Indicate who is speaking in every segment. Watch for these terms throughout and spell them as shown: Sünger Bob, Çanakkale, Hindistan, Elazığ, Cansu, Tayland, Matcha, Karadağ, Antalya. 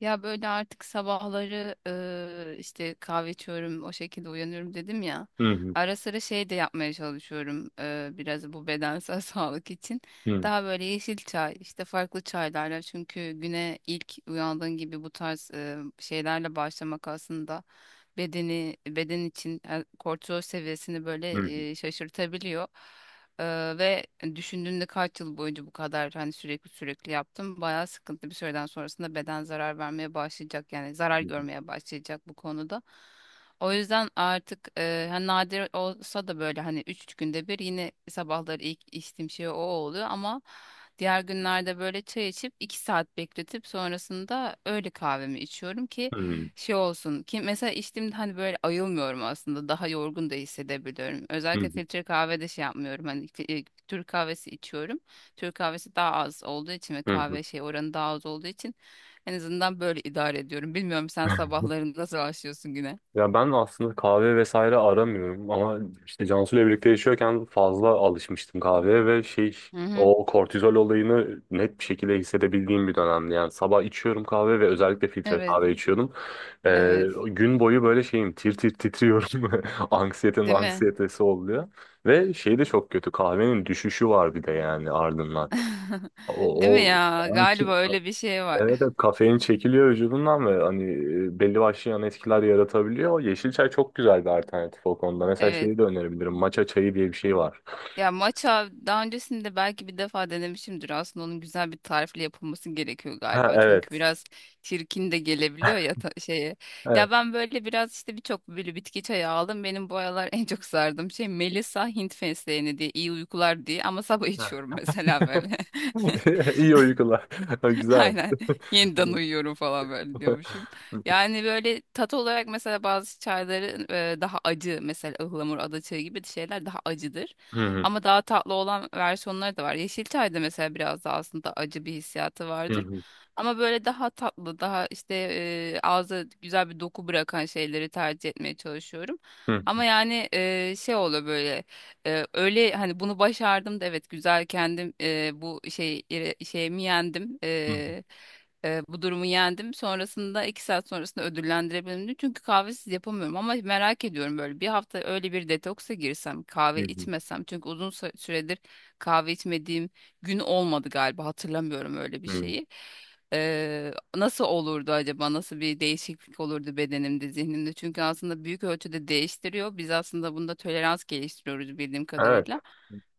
Speaker 1: Ya böyle artık sabahları işte kahve içiyorum, o şekilde uyanıyorum dedim ya.
Speaker 2: Hı hı,
Speaker 1: Ara sıra şey de yapmaya çalışıyorum biraz bu bedensel sağlık için.
Speaker 2: hı
Speaker 1: Daha böyle yeşil çay, işte farklı çaylarla çünkü güne ilk uyandığın gibi bu tarz şeylerle başlamak aslında bedeni beden için kortizol seviyesini böyle
Speaker 2: hı,
Speaker 1: şaşırtabiliyor. Ve düşündüğünde kaç yıl boyunca bu kadar hani sürekli sürekli yaptım. Bayağı sıkıntı bir süreden sonrasında beden zarar vermeye başlayacak yani zarar
Speaker 2: hı hı,
Speaker 1: görmeye başlayacak bu konuda. O yüzden artık hani nadir olsa da böyle hani 3 günde bir yine sabahları ilk içtiğim şey o oluyor ama diğer günlerde böyle çay içip 2 saat bekletip sonrasında öğle kahvemi içiyorum ki
Speaker 2: hı hı,
Speaker 1: şey olsun ki mesela içtiğimde hani böyle ayılmıyorum aslında daha yorgun da hissedebiliyorum.
Speaker 2: hı
Speaker 1: Özellikle
Speaker 2: hı.
Speaker 1: filtre kahvede şey yapmıyorum hani Türk kahvesi içiyorum. Türk kahvesi daha az olduğu için ve
Speaker 2: Hı hı.
Speaker 1: kahve şey oranı daha az olduğu için en azından böyle idare ediyorum. Bilmiyorum sen sabahları nasıl başlıyorsun güne?
Speaker 2: Ya ben aslında kahve vesaire aramıyorum ama işte Cansu'yla birlikte yaşıyorken fazla alışmıştım kahveye ve şey
Speaker 1: Hı hı.
Speaker 2: o kortizol olayını net bir şekilde hissedebildiğim bir dönemdi. Yani sabah içiyorum kahve ve özellikle filtre
Speaker 1: Evet,
Speaker 2: kahve içiyordum. Ee,
Speaker 1: evet.
Speaker 2: gün boyu böyle şeyim tir tir titriyorum. Anksiyetenin
Speaker 1: Değil mi?
Speaker 2: anksiyetesi oluyor. Ve şey de çok kötü kahvenin düşüşü var bir de yani ardından.
Speaker 1: Değil
Speaker 2: O,
Speaker 1: mi
Speaker 2: o...
Speaker 1: ya? Galiba öyle bir şey var.
Speaker 2: Evet, evet, kafein çekiliyor vücudundan ve hani belli başlı yan etkiler yaratabiliyor. Yeşil çay çok güzel bir alternatif o konuda. Mesela
Speaker 1: Evet.
Speaker 2: şeyi de önerebilirim. Matcha çayı diye bir şey var.
Speaker 1: Ya matcha daha öncesinde belki bir defa denemişimdir. Aslında onun güzel bir tarifle yapılması gerekiyor
Speaker 2: Ha,
Speaker 1: galiba. Çünkü
Speaker 2: evet.
Speaker 1: biraz çirkin de gelebiliyor ya şeye.
Speaker 2: Evet.
Speaker 1: Ya ben böyle biraz işte birçok böyle bitki çayı aldım. Benim bu aralar en çok sardığım şey Melisa Hint fesleğeni diye iyi uykular diye ama sabah içiyorum
Speaker 2: Ha.
Speaker 1: mesela böyle.
Speaker 2: İyi uykular. Güzel.
Speaker 1: Aynen. Yeniden uyuyorum falan böyle diyormuşum. Yani böyle tat olarak mesela bazı çayların daha acı mesela ıhlamur, adaçayı gibi şeyler daha acıdır.
Speaker 2: Hı hı,
Speaker 1: Ama daha tatlı olan versiyonları da var. Yeşil çayda mesela biraz daha aslında acı bir hissiyatı
Speaker 2: hı
Speaker 1: vardır.
Speaker 2: hı,
Speaker 1: Ama böyle daha tatlı, daha işte ağza güzel bir doku bırakan şeyleri tercih etmeye çalışıyorum.
Speaker 2: hı hı,
Speaker 1: Ama yani şey oluyor böyle. Öyle hani bunu başardım da evet güzel kendim bu şey şeyimi yendim.
Speaker 2: hı hı,
Speaker 1: Bu durumu yendim. Sonrasında iki saat sonrasında ödüllendirebilirim. Diye. Çünkü kahvesiz yapamıyorum ama merak ediyorum böyle bir hafta öyle bir detoksa girsem kahve
Speaker 2: hı
Speaker 1: içmesem. Çünkü uzun süredir kahve içmediğim gün olmadı galiba hatırlamıyorum öyle bir
Speaker 2: hı. Hı.
Speaker 1: şeyi. Nasıl olurdu acaba? Nasıl bir değişiklik olurdu bedenimde, zihnimde? Çünkü aslında büyük ölçüde değiştiriyor. Biz aslında bunda tolerans geliştiriyoruz bildiğim
Speaker 2: Evet.
Speaker 1: kadarıyla.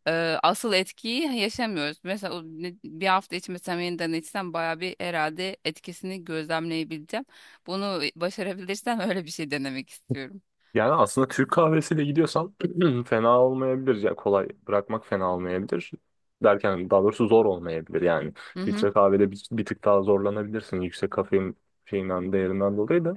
Speaker 1: Asıl etkiyi yaşamıyoruz. Mesela o bir hafta içmesem yeniden içsem bayağı bir herhalde etkisini gözlemleyebileceğim. Bunu başarabilirsem öyle bir şey denemek istiyorum.
Speaker 2: Yani aslında Türk kahvesiyle gidiyorsan fena olmayabilir. Ya kolay bırakmak fena olmayabilir. Derken daha doğrusu zor olmayabilir. Yani
Speaker 1: Hı hı.
Speaker 2: filtre kahvede bir tık daha zorlanabilirsin. Yüksek kafein şeyinden değerinden dolayı da.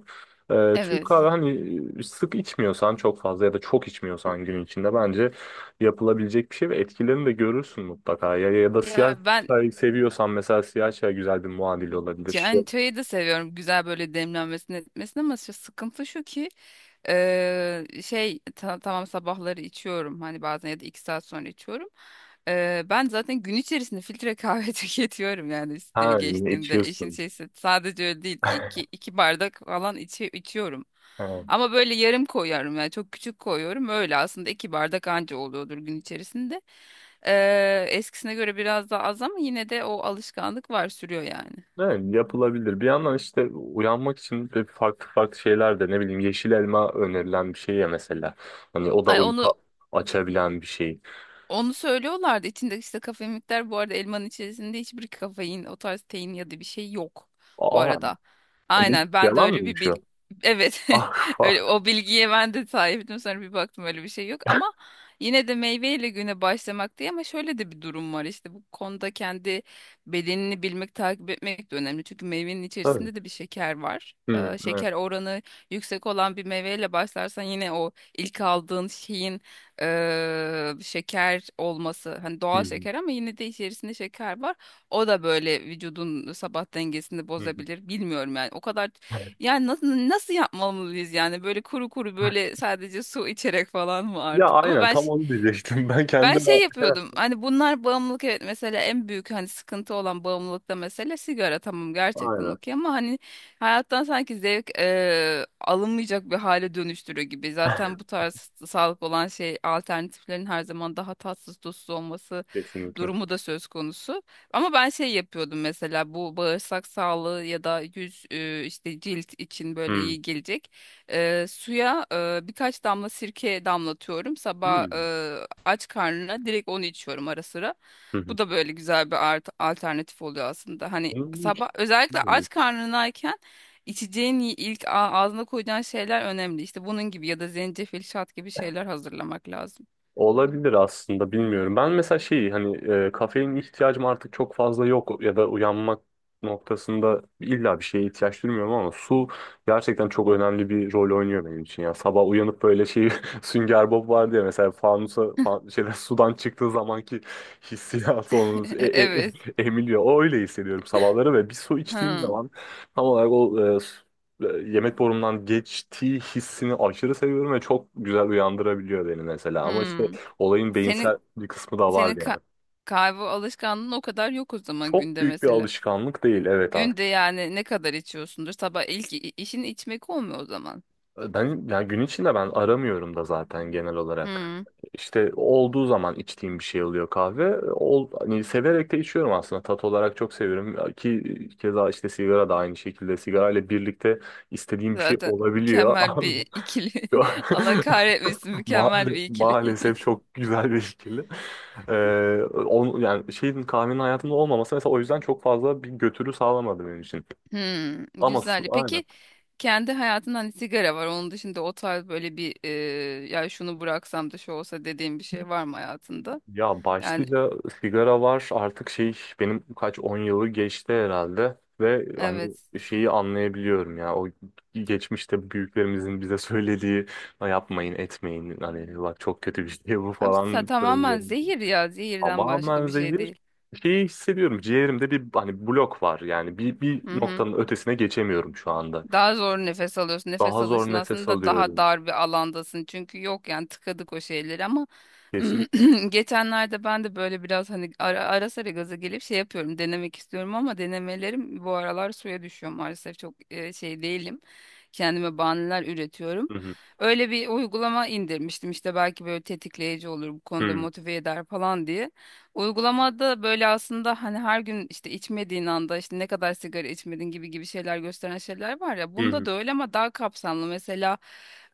Speaker 2: Türk
Speaker 1: Evet.
Speaker 2: kahve hani sık içmiyorsan çok fazla ya da çok içmiyorsan gün içinde bence yapılabilecek bir şey ve etkilerini de görürsün mutlaka. Ya, ya da
Speaker 1: Ya
Speaker 2: siyah
Speaker 1: ben
Speaker 2: çay seviyorsan mesela siyah çay güzel bir muadil olabilir.
Speaker 1: yani çayı da seviyorum. Güzel böyle demlenmesini etmesini ama şu sıkıntı şu ki şey tamam sabahları içiyorum hani bazen ya da 2 saat sonra içiyorum. Ben zaten gün içerisinde filtre kahve tüketiyorum yani işte
Speaker 2: Ha,
Speaker 1: geçtiğimde işin
Speaker 2: içiyorsun.
Speaker 1: şeysi sadece öyle değil iki bardak falan içiyorum. Ama böyle yarım koyuyorum yani çok küçük koyuyorum öyle aslında 2 bardak anca oluyordur gün içerisinde. Eskisine göre biraz daha az ama yine de o alışkanlık var sürüyor yani.
Speaker 2: Evet, yapılabilir. Bir yandan işte uyanmak için de farklı farklı şeyler de ne bileyim yeşil elma önerilen bir şey ya mesela. Hani o da
Speaker 1: Ay onu
Speaker 2: uyku açabilen bir şey.
Speaker 1: Onu söylüyorlardı. İçinde işte kafein miktarı bu arada elmanın içerisinde hiçbir kafein, o tarz tein ya da bir şey yok bu
Speaker 2: Aa,
Speaker 1: arada. Aynen ben de
Speaker 2: yalan
Speaker 1: öyle bir
Speaker 2: mıymış
Speaker 1: bil.
Speaker 2: o?
Speaker 1: Evet.
Speaker 2: Ah, ah,
Speaker 1: Öyle o bilgiye ben de sahiptim. Sonra bir baktım öyle bir şey yok ama yine de meyveyle güne başlamak diye ama şöyle de bir durum var işte bu konuda kendi bedenini bilmek, takip etmek de önemli. Çünkü meyvenin
Speaker 2: tabii.
Speaker 1: içerisinde de bir şeker var.
Speaker 2: Hı, evet.
Speaker 1: Şeker oranı yüksek olan bir meyveyle başlarsan yine o ilk aldığın şeyin şeker olması hani
Speaker 2: Hı,
Speaker 1: doğal şeker ama yine de içerisinde şeker var. O da böyle vücudun sabah dengesini
Speaker 2: hı, hı.
Speaker 1: bozabilir. Bilmiyorum yani o kadar yani nasıl yapmalıyız yani böyle kuru kuru böyle sadece su içerek falan mı
Speaker 2: Ya
Speaker 1: artık? Ama
Speaker 2: aynen
Speaker 1: ben
Speaker 2: tam onu diyecektim. Ben
Speaker 1: ben
Speaker 2: kendim
Speaker 1: şey yapıyordum hani bunlar bağımlılık evet mesela en büyük hani sıkıntı olan bağımlılıkta mesele sigara tamam gerçekten
Speaker 2: aynen.
Speaker 1: okey ama hani hayattan sanki zevk alınmayacak bir hale dönüştürüyor gibi. Zaten bu tarz sağlık olan şey alternatiflerin her zaman daha tatsız tuzsuz olması
Speaker 2: Kesinlikle.
Speaker 1: durumu da söz konusu. Ama ben şey yapıyordum mesela bu bağırsak sağlığı ya da yüz işte cilt için böyle
Speaker 2: Hı,
Speaker 1: iyi gelecek. Suya birkaç damla sirke damlatıyorum. Sabah
Speaker 2: hı,
Speaker 1: aç karnına direkt onu içiyorum ara sıra.
Speaker 2: hı,
Speaker 1: Bu da böyle güzel bir alternatif oluyor aslında. Hani
Speaker 2: hı.
Speaker 1: sabah özellikle
Speaker 2: Hı.
Speaker 1: aç karnınayken içeceğin ilk ağzına koyacağın şeyler önemli. İşte bunun gibi ya da zencefil şat gibi şeyler hazırlamak lazım.
Speaker 2: Olabilir aslında bilmiyorum. Ben mesela şeyi hani kafein ihtiyacım artık çok fazla yok ya da uyanmak noktasında illa bir şeye ihtiyaç duymuyorum ama su gerçekten çok önemli bir rol oynuyor benim için ya. Sabah uyanıp böyle şey Sünger Bob vardı ya mesela fanusa şeyden sudan çıktığı zamanki hissiyatı onu
Speaker 1: Evet.
Speaker 2: emiliyor. O öyle hissediyorum sabahları ve bir su içtiğim
Speaker 1: Hmm.
Speaker 2: zaman tam olarak o e, yemek borumdan geçtiği hissini aşırı seviyorum ve çok güzel uyandırabiliyor beni mesela. Ama işte
Speaker 1: Hmm.
Speaker 2: olayın
Speaker 1: Senin
Speaker 2: beyinsel bir kısmı da
Speaker 1: senin
Speaker 2: var yani.
Speaker 1: kahve alışkanlığın o kadar yok o zaman
Speaker 2: Çok
Speaker 1: günde
Speaker 2: büyük bir
Speaker 1: mesela.
Speaker 2: alışkanlık değil, evet,
Speaker 1: Günde
Speaker 2: aslında.
Speaker 1: yani ne kadar içiyorsundur? Sabah ilk işin içmek olmuyor o zaman.
Speaker 2: Ben yani gün içinde ben aramıyorum da zaten genel olarak.
Speaker 1: Hmm.
Speaker 2: İşte olduğu zaman içtiğim bir şey oluyor kahve. Hani severek de içiyorum aslında. Tat olarak çok seviyorum. Ki keza işte sigara da aynı şekilde. Sigara ile birlikte istediğim bir şey
Speaker 1: Zaten
Speaker 2: olabiliyor.
Speaker 1: mükemmel bir ikili.
Speaker 2: Yo-
Speaker 1: Allah kahretmesin mükemmel bir ikili.
Speaker 2: Maalesef çok güzel bir ikili. Yani şeyin kahvenin hayatımda olmaması mesela o yüzden çok fazla bir götürü sağlamadı benim için.
Speaker 1: Hmm,
Speaker 2: Ama
Speaker 1: güzel.
Speaker 2: aynen.
Speaker 1: Peki kendi hayatında hani sigara var. Onun dışında o tarz böyle bir ya şunu bıraksam da şu olsa dediğim bir şey var mı hayatında?
Speaker 2: Ya
Speaker 1: Yani
Speaker 2: başlıca sigara var artık şey benim kaç 10 yılı geçti herhalde ve hani
Speaker 1: evet.
Speaker 2: şeyi anlayabiliyorum ya o geçmişte büyüklerimizin bize söylediği "Ha, yapmayın etmeyin hani bak çok kötü bir şey bu
Speaker 1: Abi,
Speaker 2: falan"
Speaker 1: tamamen
Speaker 2: sözlerini.
Speaker 1: zehir ya. Zehirden başka
Speaker 2: Tamamen
Speaker 1: bir şey
Speaker 2: zehir
Speaker 1: değil.
Speaker 2: şeyi hissediyorum ciğerimde bir hani blok var yani bir
Speaker 1: Mhm.
Speaker 2: noktanın ötesine geçemiyorum şu anda.
Speaker 1: Daha zor nefes alıyorsun. Nefes
Speaker 2: Daha zor
Speaker 1: alışın
Speaker 2: nefes
Speaker 1: aslında daha
Speaker 2: alıyorum.
Speaker 1: dar bir alandasın. Çünkü yok yani tıkadık o şeyleri ama
Speaker 2: Kesinlikle.
Speaker 1: geçenlerde ben de böyle biraz hani ara sıra gaza gelip şey yapıyorum. Denemek istiyorum ama denemelerim bu aralar suya düşüyor maalesef. Çok şey değilim. Kendime bahaneler üretiyorum.
Speaker 2: Hı hı.
Speaker 1: Öyle bir uygulama indirmiştim. İşte belki böyle tetikleyici olur bu konuda
Speaker 2: Hı
Speaker 1: motive eder falan diye. Uygulamada böyle aslında hani her gün işte içmediğin anda işte ne kadar sigara içmedin gibi gibi şeyler gösteren şeyler var ya.
Speaker 2: hı. Hı
Speaker 1: Bunda
Speaker 2: hı.
Speaker 1: da öyle ama daha kapsamlı. Mesela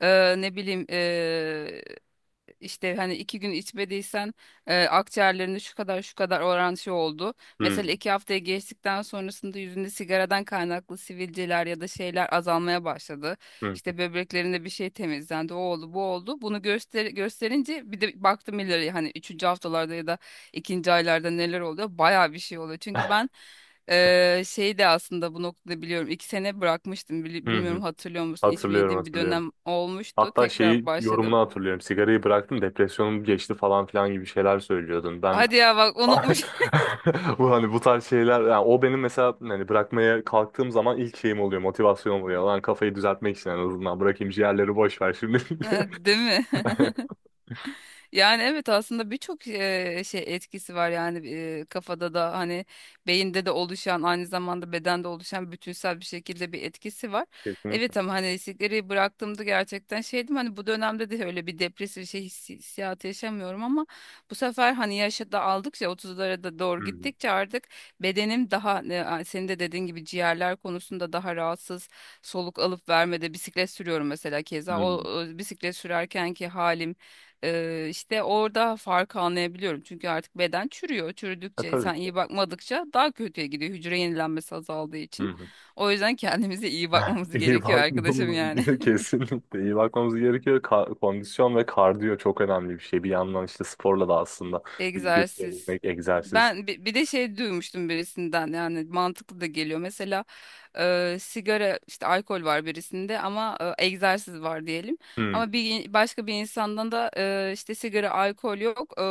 Speaker 1: ne bileyim işte hani 2 gün içmediysen akciğerlerinde şu kadar şu kadar oran şey oldu.
Speaker 2: Hı
Speaker 1: Mesela 2 haftaya geçtikten sonrasında yüzünde sigaradan kaynaklı sivilceler ya da şeyler azalmaya başladı.
Speaker 2: hı.
Speaker 1: İşte böbreklerinde bir şey temizlendi. O oldu, bu oldu. Bunu gösterince bir de baktım ileri hani üçüncü haftalarda ya da ikinci aylarda neler oluyor. Bayağı bir şey oluyor. Çünkü ben şey de aslında bu noktada biliyorum. 2 sene bırakmıştım.
Speaker 2: Hı
Speaker 1: Bilmiyorum
Speaker 2: hı.
Speaker 1: hatırlıyor musun?
Speaker 2: Hatırlıyorum,
Speaker 1: İçmediğim bir
Speaker 2: hatırlıyorum.
Speaker 1: dönem olmuştu.
Speaker 2: Hatta
Speaker 1: Tekrar
Speaker 2: şeyi yorumunu
Speaker 1: başladım.
Speaker 2: hatırlıyorum. Sigarayı bıraktım, depresyonum geçti falan filan gibi şeyler söylüyordun. Ben
Speaker 1: Hadi ya bak unutmuş.
Speaker 2: bu hani bu tarz şeyler yani o benim mesela hani bırakmaya kalktığım zaman ilk şeyim oluyor, motivasyonum oluyor. Lan kafayı düzeltmek için en azından bırakayım, ciğerleri boş ver şimdi.
Speaker 1: Değil mi? Yani evet aslında birçok şey etkisi var yani kafada da hani beyinde de oluşan aynı zamanda bedende oluşan bütünsel bir şekilde bir etkisi var.
Speaker 2: Kesinlikle.
Speaker 1: Evet ama hani sigarayı bıraktığımda gerçekten şeydim hani bu dönemde de öyle bir depresif şey hissiyatı yaşamıyorum ama bu sefer hani yaşı da aldıkça 30'lara da
Speaker 2: Hı
Speaker 1: doğru
Speaker 2: hı.
Speaker 1: gittikçe artık bedenim daha senin de dediğin gibi ciğerler konusunda daha rahatsız soluk alıp vermede bisiklet sürüyorum mesela keza
Speaker 2: Hı.
Speaker 1: o bisiklet sürerkenki halim işte orada farkı anlayabiliyorum. Çünkü artık beden çürüyor.
Speaker 2: E,
Speaker 1: Çürüdükçe
Speaker 2: tabii
Speaker 1: sen
Speaker 2: ki.
Speaker 1: iyi bakmadıkça daha kötüye gidiyor. Hücre yenilenmesi azaldığı
Speaker 2: Hı
Speaker 1: için.
Speaker 2: hı.
Speaker 1: O yüzden kendimize iyi bakmamız
Speaker 2: İyi
Speaker 1: gerekiyor arkadaşım
Speaker 2: bakmamız
Speaker 1: yani.
Speaker 2: gerekiyor kesinlikle. İyi bakmamız gerekiyor. Kondisyon ve kardiyo çok önemli bir şey. Bir yandan işte sporla da aslında bilgi
Speaker 1: Egzersiz.
Speaker 2: edinmek, egzersiz.
Speaker 1: Ben bir de şey duymuştum birisinden yani mantıklı da geliyor. Mesela sigara işte alkol var birisinde ama egzersiz var diyelim.
Speaker 2: Hmm,
Speaker 1: Ama bir başka bir insandan da işte sigara alkol yok.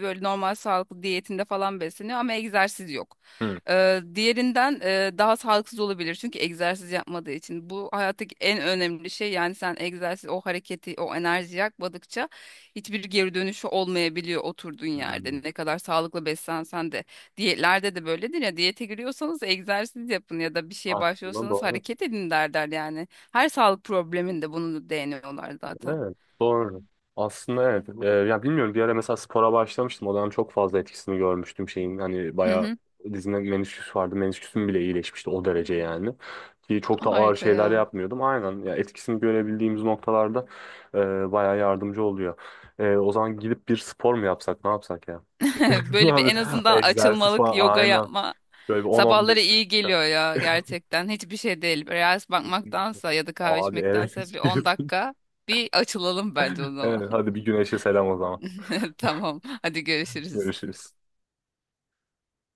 Speaker 1: Böyle normal sağlıklı diyetinde falan besleniyor ama egzersiz yok.
Speaker 2: hmm,
Speaker 1: Diğerinden daha sağlıksız olabilir çünkü egzersiz yapmadığı için. Bu hayattaki en önemli şey yani sen egzersiz o hareketi o enerjiyi yakmadıkça hiçbir geri dönüşü olmayabiliyor oturduğun yerde.
Speaker 2: hmm.
Speaker 1: Ne kadar sağlıklı beslensen de. Diyetlerde de böyledir ya diyete giriyorsanız egzersiz yapın ya da bir şeye
Speaker 2: Aslında
Speaker 1: başlıyorsanız
Speaker 2: doğru.
Speaker 1: hareket edin derler yani. Her sağlık probleminde bunu değiniyorlar zaten.
Speaker 2: Evet, doğru. Aslında evet. Ya bilmiyorum, bir ara mesela spora başlamıştım. O dönem çok fazla etkisini görmüştüm şeyin. Hani
Speaker 1: Hı
Speaker 2: bayağı
Speaker 1: hı.
Speaker 2: dizimde menisküs vardı. Menisküsüm bile iyileşmişti o derece yani. Ki çok da ağır
Speaker 1: Harika
Speaker 2: şeyler
Speaker 1: ya.
Speaker 2: yapmıyordum. Aynen ya, etkisini görebildiğimiz noktalarda bayağı yardımcı oluyor. O zaman gidip bir spor mu yapsak, ne yapsak ya?
Speaker 1: Böyle bir
Speaker 2: Abi,
Speaker 1: en azından
Speaker 2: egzersiz
Speaker 1: açılmalık
Speaker 2: falan
Speaker 1: yoga
Speaker 2: aynen.
Speaker 1: yapma.
Speaker 2: Böyle bir
Speaker 1: Sabahları
Speaker 2: 10-15
Speaker 1: iyi
Speaker 2: dakika.
Speaker 1: geliyor ya gerçekten. Hiçbir şey değil. Reels bakmaktansa ya da kahve
Speaker 2: Abi, evet.
Speaker 1: içmektense bir 10 dakika bir açılalım bence o
Speaker 2: Evet,
Speaker 1: zaman.
Speaker 2: hadi bir güneşe selam o zaman.
Speaker 1: Tamam. Hadi görüşürüz.
Speaker 2: Görüşürüz.